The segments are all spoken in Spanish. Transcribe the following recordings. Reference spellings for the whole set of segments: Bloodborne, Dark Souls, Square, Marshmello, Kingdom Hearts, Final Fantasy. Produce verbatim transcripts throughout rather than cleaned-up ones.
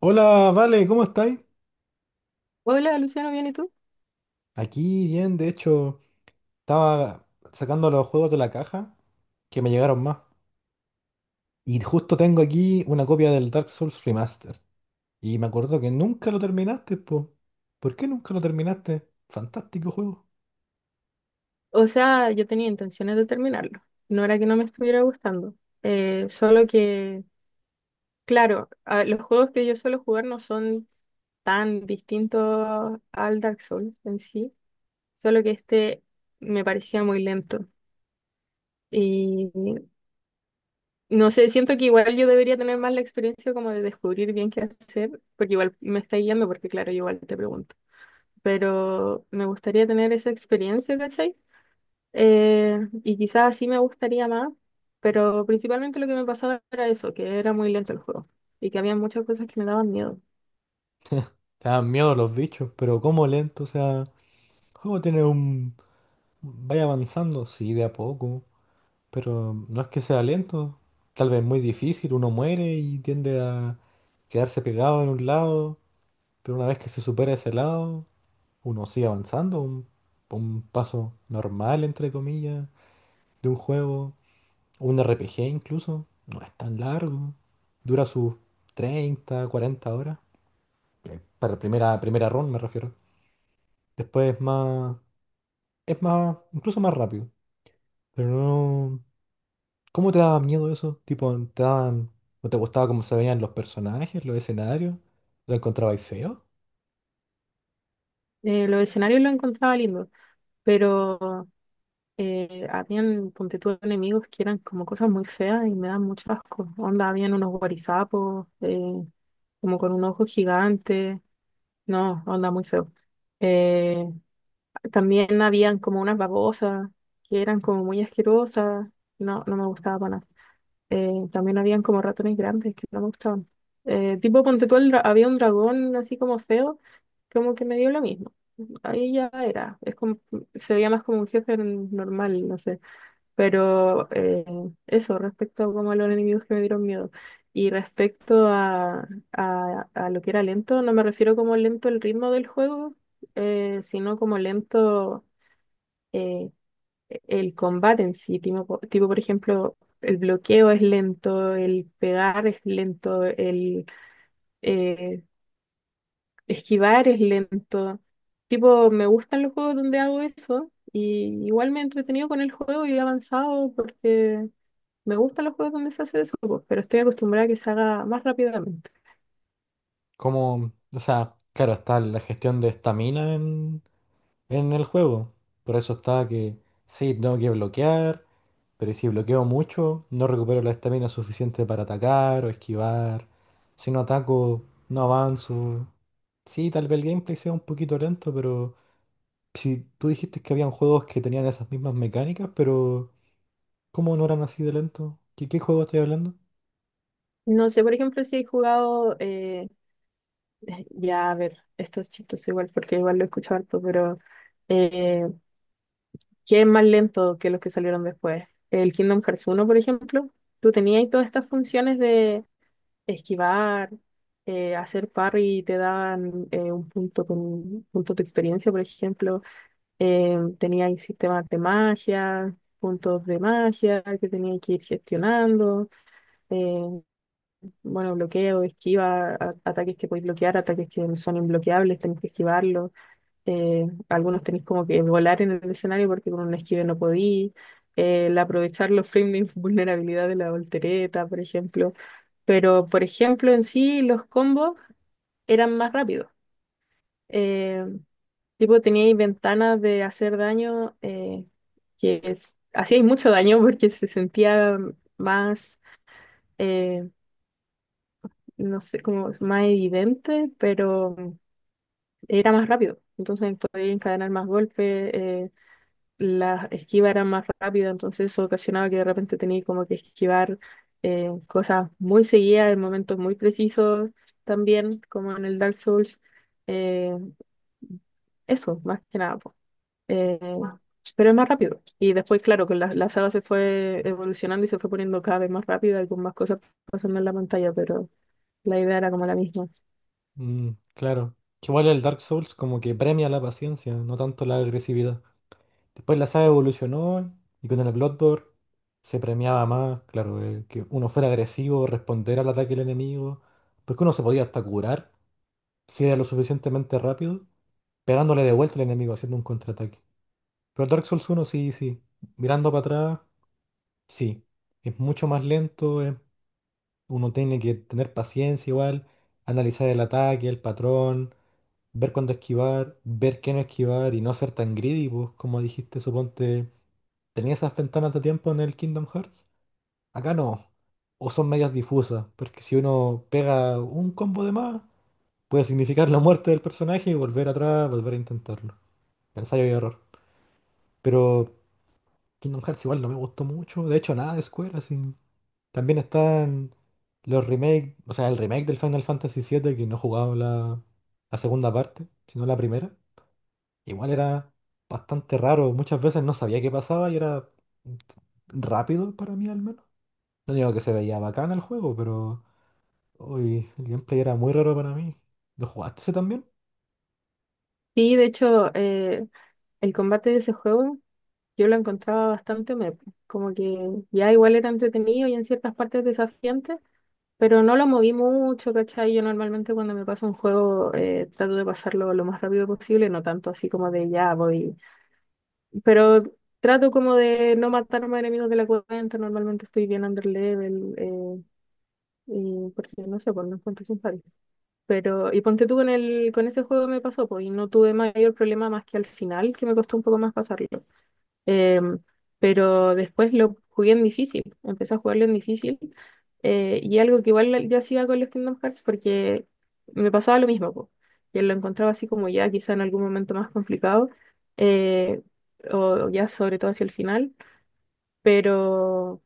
Hola, Vale, ¿cómo estáis? Hola, Luciano, ¿bien y tú? Aquí bien, de hecho, estaba sacando los juegos de la caja que me llegaron más. Y justo tengo aquí una copia del Dark Souls Remaster. Y me acuerdo que nunca lo terminaste, po. ¿Por qué nunca lo terminaste? Fantástico juego. O sea, yo tenía intenciones de terminarlo. No era que no me estuviera gustando. Eh, solo que, claro, a- los juegos que yo suelo jugar no son tan distintos al Dark Souls en sí. Solo que este me parecía muy lento. Y no sé, siento que igual yo debería tener más la experiencia como de descubrir bien qué hacer, porque igual me está guiando, porque claro, yo igual te pregunto. Pero me gustaría tener esa experiencia, ¿cachai? Eh, y quizás sí me gustaría más, pero principalmente lo que me pasaba era eso, que era muy lento el juego y que había muchas cosas que me daban miedo. Te dan miedo los bichos, pero como lento, o sea, el juego tiene un... Vaya avanzando, sí, de a poco, pero no es que sea lento. Tal vez muy difícil, uno muere y tiende a quedarse pegado en un lado. Pero una vez que se supera ese lado, uno sigue avanzando, un, un paso normal, entre comillas, de un juego, o un RPG incluso, no es tan largo, dura sus treinta cuarenta horas, eh, para primera, primera run me refiero. Después es más, es más, incluso más rápido, pero no... ¿Cómo te daba miedo eso? Tipo, ¿te daban, no te gustaba cómo se veían los personajes, los escenarios? ¿Lo encontrabais feo? Eh, los escenarios los encontraba lindos, pero eh, habían, ponte tú, enemigos que eran como cosas muy feas y me dan mucho asco. Onda, habían unos guarizapos, eh, como con un ojo gigante. No, onda, muy feo. Eh, También habían como unas babosas que eran como muy asquerosas. No, no me gustaba para nada. Eh, también habían como ratones grandes que no me gustaban. Eh, tipo, ponte tú, el dra- había un dragón así como feo, como que me dio lo mismo. Ahí ya era, es como, se veía más como un jefe n- normal, no sé. Pero eh, eso, respecto a como a los enemigos que me dieron miedo. Y respecto a, a, a lo que era lento, no me refiero como lento el ritmo del juego, eh, sino como lento eh, el combate en sí, tipo, tipo, por ejemplo, el bloqueo es lento, el pegar es lento, el eh, esquivar es lento. Tipo, me gustan los juegos donde hago eso y igual me he entretenido con el juego y he avanzado porque me gustan los juegos donde se hace eso, po, pero estoy acostumbrada a que se haga más rápidamente. Como, o sea, claro, está la gestión de estamina en, en el juego. Por eso estaba que sí, tengo que bloquear, pero si bloqueo mucho, no recupero la estamina suficiente para atacar o esquivar. Si no ataco, no avanzo. Sí, tal vez el gameplay sea un poquito lento, pero si tú dijiste que habían juegos que tenían esas mismas mecánicas, pero ¿cómo no eran así de lento? ¿Qué, qué juego estoy hablando? No sé, por ejemplo, si he jugado, eh, ya a ver, esto es chistoso igual porque igual lo he escuchado harto, pero... eh, que es más lento que los que salieron después. El Kingdom Hearts uno por ejemplo, tú tenías todas estas funciones de esquivar, eh, hacer parry y te daban eh, un punto con puntos de experiencia, por ejemplo. Eh, tenías sistemas de magia, puntos de magia que tenías que ir gestionando. eh, bueno, bloqueo, esquiva, a- ataques que podéis bloquear, ataques que son inbloqueables, tenés que esquivarlos eh, algunos tenéis como que volar en el escenario porque con un esquive no podí, el aprovechar los frames de inf- vulnerabilidad de la voltereta, por ejemplo. Pero, por ejemplo, en sí los combos eran más rápidos. Eh, Tipo, teníais ventanas de hacer daño eh, que es- hacíais mucho daño porque se sentía más, eh, no sé, como más evidente, pero era más rápido. Entonces podíais encadenar más golpes. Eh, las esquivas eran más rápidas, entonces eso ocasionaba que de repente tenía como que esquivar eh, cosas muy seguidas en momentos muy precisos también, como en el Dark Souls. Eh, Eso, más que nada. Po. Eh, pero es más rápido. Y después, claro, que la, la saga se fue evolucionando y se fue poniendo cada vez más rápida y con más cosas pasando en la pantalla, pero la idea era como la misma. Mm, claro. Que igual el Dark Souls como que premia la paciencia, no tanto la agresividad. Después la saga evolucionó y con el Bloodborne se premiaba más, claro, eh, que uno fuera agresivo, responder al ataque del enemigo, porque uno se podía hasta curar si era lo suficientemente rápido, pegándole de vuelta al enemigo, haciendo un contraataque. Pero el Dark Souls uno sí, sí, mirando para atrás, sí, es mucho más lento, eh, uno tiene que tener paciencia igual, analizar el ataque, el patrón, ver cuándo esquivar, ver qué no esquivar y no ser tan greedy, pues como dijiste, suponte. ¿Tenía esas ventanas de tiempo en el Kingdom Hearts? Acá no. O son medias difusas, porque si uno pega un combo de más, puede significar la muerte del personaje y volver atrás, volver a intentarlo. Ensayo y error. Pero Kingdom Hearts igual no me gustó mucho. De hecho, nada de Square, así. También están los remakes, o sea, el remake del Final Fantasy siete que no jugaba la, la segunda parte, sino la primera. Igual era bastante raro. Muchas veces no sabía qué pasaba y era rápido para mí al menos. No digo que se veía bacán el juego, pero uy, el gameplay era muy raro para mí. ¿Lo jugaste ese también? Sí, de hecho, eh, el combate de ese juego. Yo lo encontraba bastante mepo, como que ya igual era entretenido y en ciertas partes desafiante, pero no lo moví mucho, ¿cachai? Yo normalmente cuando me paso un juego eh, trato de pasarlo lo más rápido posible, no tanto así como de ya voy, pero trato como de no matarme a enemigos de la cuenta, normalmente estoy bien under level, eh, y porque no sé, pues no encuentro sin pares. Pero, y ponte tú con el, con ese juego me pasó, pues, y no tuve mayor problema más que al final, que me costó un poco más pasarlo. Em, pero después lo jugué en difícil, empecé a jugarlo en difícil. Eh, y algo que igual yo hacía con los Kingdom Hearts porque me pasaba lo mismo, po. Yo lo encontraba así como ya, quizá en algún momento más complicado, eh, o ya sobre todo hacia el final, pero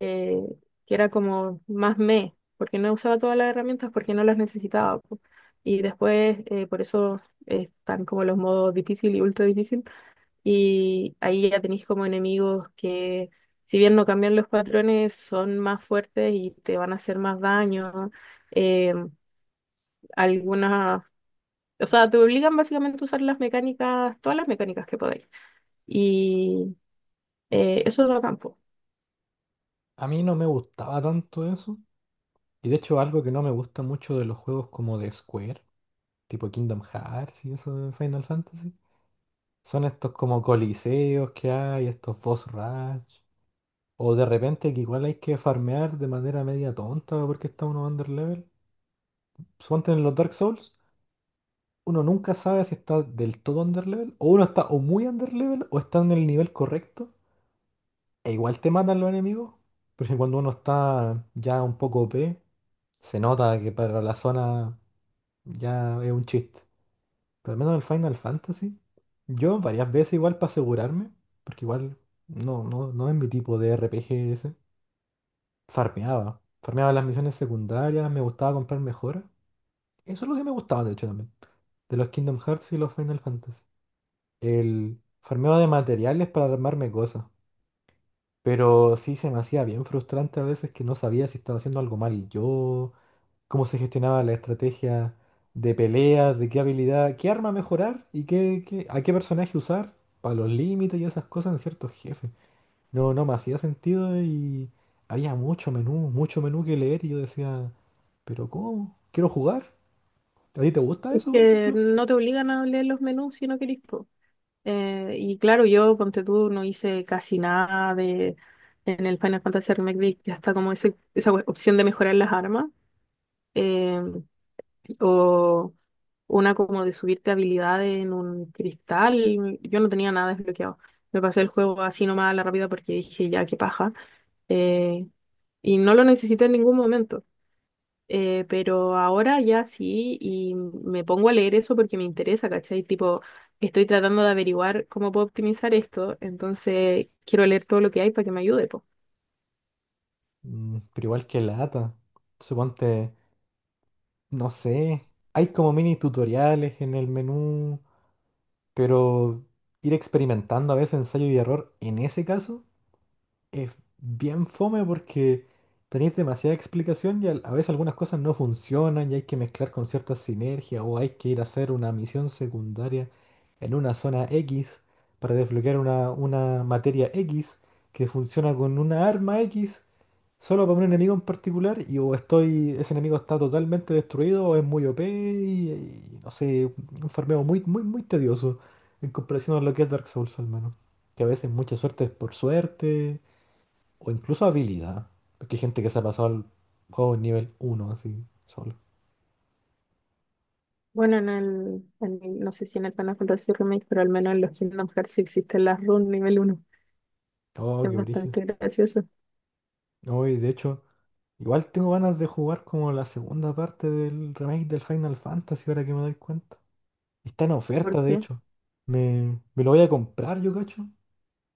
eh, que era como más me, porque no usaba todas las herramientas porque no las necesitaba, po. Y después, eh, por eso eh, están como los modos difícil y ultra difícil y ahí ya tenéis como enemigos que, si bien no cambian los patrones, son más fuertes y te van a hacer más daño. Eh, algunas, o sea, te obligan básicamente a usar las mecánicas, todas las mecánicas que podáis. Y eh, eso es lo campo. A mí no me gustaba tanto eso. Y de hecho, algo que no me gusta mucho de los juegos como de Square, tipo Kingdom Hearts y eso de Final Fantasy, son estos como coliseos que hay, estos boss rush. O de repente que igual hay que farmear de manera media tonta porque está uno underlevel. Suponte en los Dark Souls, uno nunca sabe si está del todo underlevel, o uno está o muy underlevel o está en el nivel correcto. E igual te matan los enemigos, porque cuando uno está ya un poco O P, se nota que para la zona ya es un chiste. Pero al menos en el Final Fantasy, yo varias veces igual para asegurarme, porque igual no, no, no es mi tipo de RPG ese, farmeaba. Farmeaba las misiones secundarias, me gustaba comprar mejoras. Eso es lo que me gustaba de hecho también, de los Kingdom Hearts y los Final Fantasy. El farmeo de materiales para armarme cosas. Pero sí se me hacía bien frustrante a veces que no sabía si estaba haciendo algo mal yo, cómo se gestionaba la estrategia de peleas, de qué habilidad, qué arma mejorar y qué, qué- a qué personaje usar para los límites y esas cosas en ciertos jefes. No, no me hacía sentido y había mucho menú, mucho menú que leer y yo decía, pero ¿cómo? ¿Quiero jugar? ¿A ti te gusta Es eso, por que ejemplo? no te obligan a leer los menús si no queréis. Po. Eh, y claro, yo, ponte tú, no hice casi nada de en el Final Fantasy Remake, de- ya está como ese- esa opción de mejorar las armas. eh, o una como de subirte habilidades en un cristal. Yo no tenía nada desbloqueado. Me pasé el juego así nomás a la rápida porque dije, ya, qué paja. Eh, y no lo necesité en ningún momento. Eh, pero ahora ya sí, y me pongo a leer eso porque me interesa, ¿cachai? Tipo, estoy tratando de averiguar cómo puedo optimizar esto, entonces quiero leer todo lo que hay para que me ayude, po. Mm, pero igual que lata. Suponte, no sé, hay como mini tutoriales en el menú. Pero ir experimentando a veces ensayo y error, en ese caso, es bien fome porque tenéis demasiada explicación y al- a veces algunas cosas no funcionan y hay que mezclar con ciertas sinergias o hay que ir a hacer una misión secundaria en una zona X para desbloquear una, una materia X que funciona con una arma X. Solo para un enemigo en particular y o estoy, ese enemigo está totalmente destruido o es muy O P y, y no sé, un farmeo muy, muy, muy tedioso en comparación a lo que es Dark Souls al menos. Que a veces mucha suerte es por suerte o incluso habilidad. Porque hay gente que se ha pasado al juego en nivel uno así, solo. Bueno, en el, en el- no sé si en el Final Fantasy Remake, pero al menos en los Kingdom Hearts sí existen las runes nivel uno. Oh, Es qué brígido. bastante gracioso. No, y de hecho, igual tengo ganas de jugar como la segunda parte del remake del Final Fantasy ahora que me doy cuenta. Está en oferta, de Porque, hecho. Me, me lo voy a comprar, yo cacho.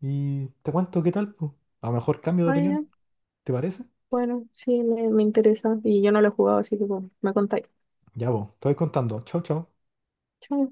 Y te cuento qué tal, pues. A lo mejor cambio de ah, opinión, ya, ¿te parece? bueno, sí, me, me interesa. Y yo no lo he jugado, así que bueno, me contáis. Ya, vos, te voy contando. Chau, chau. Chao.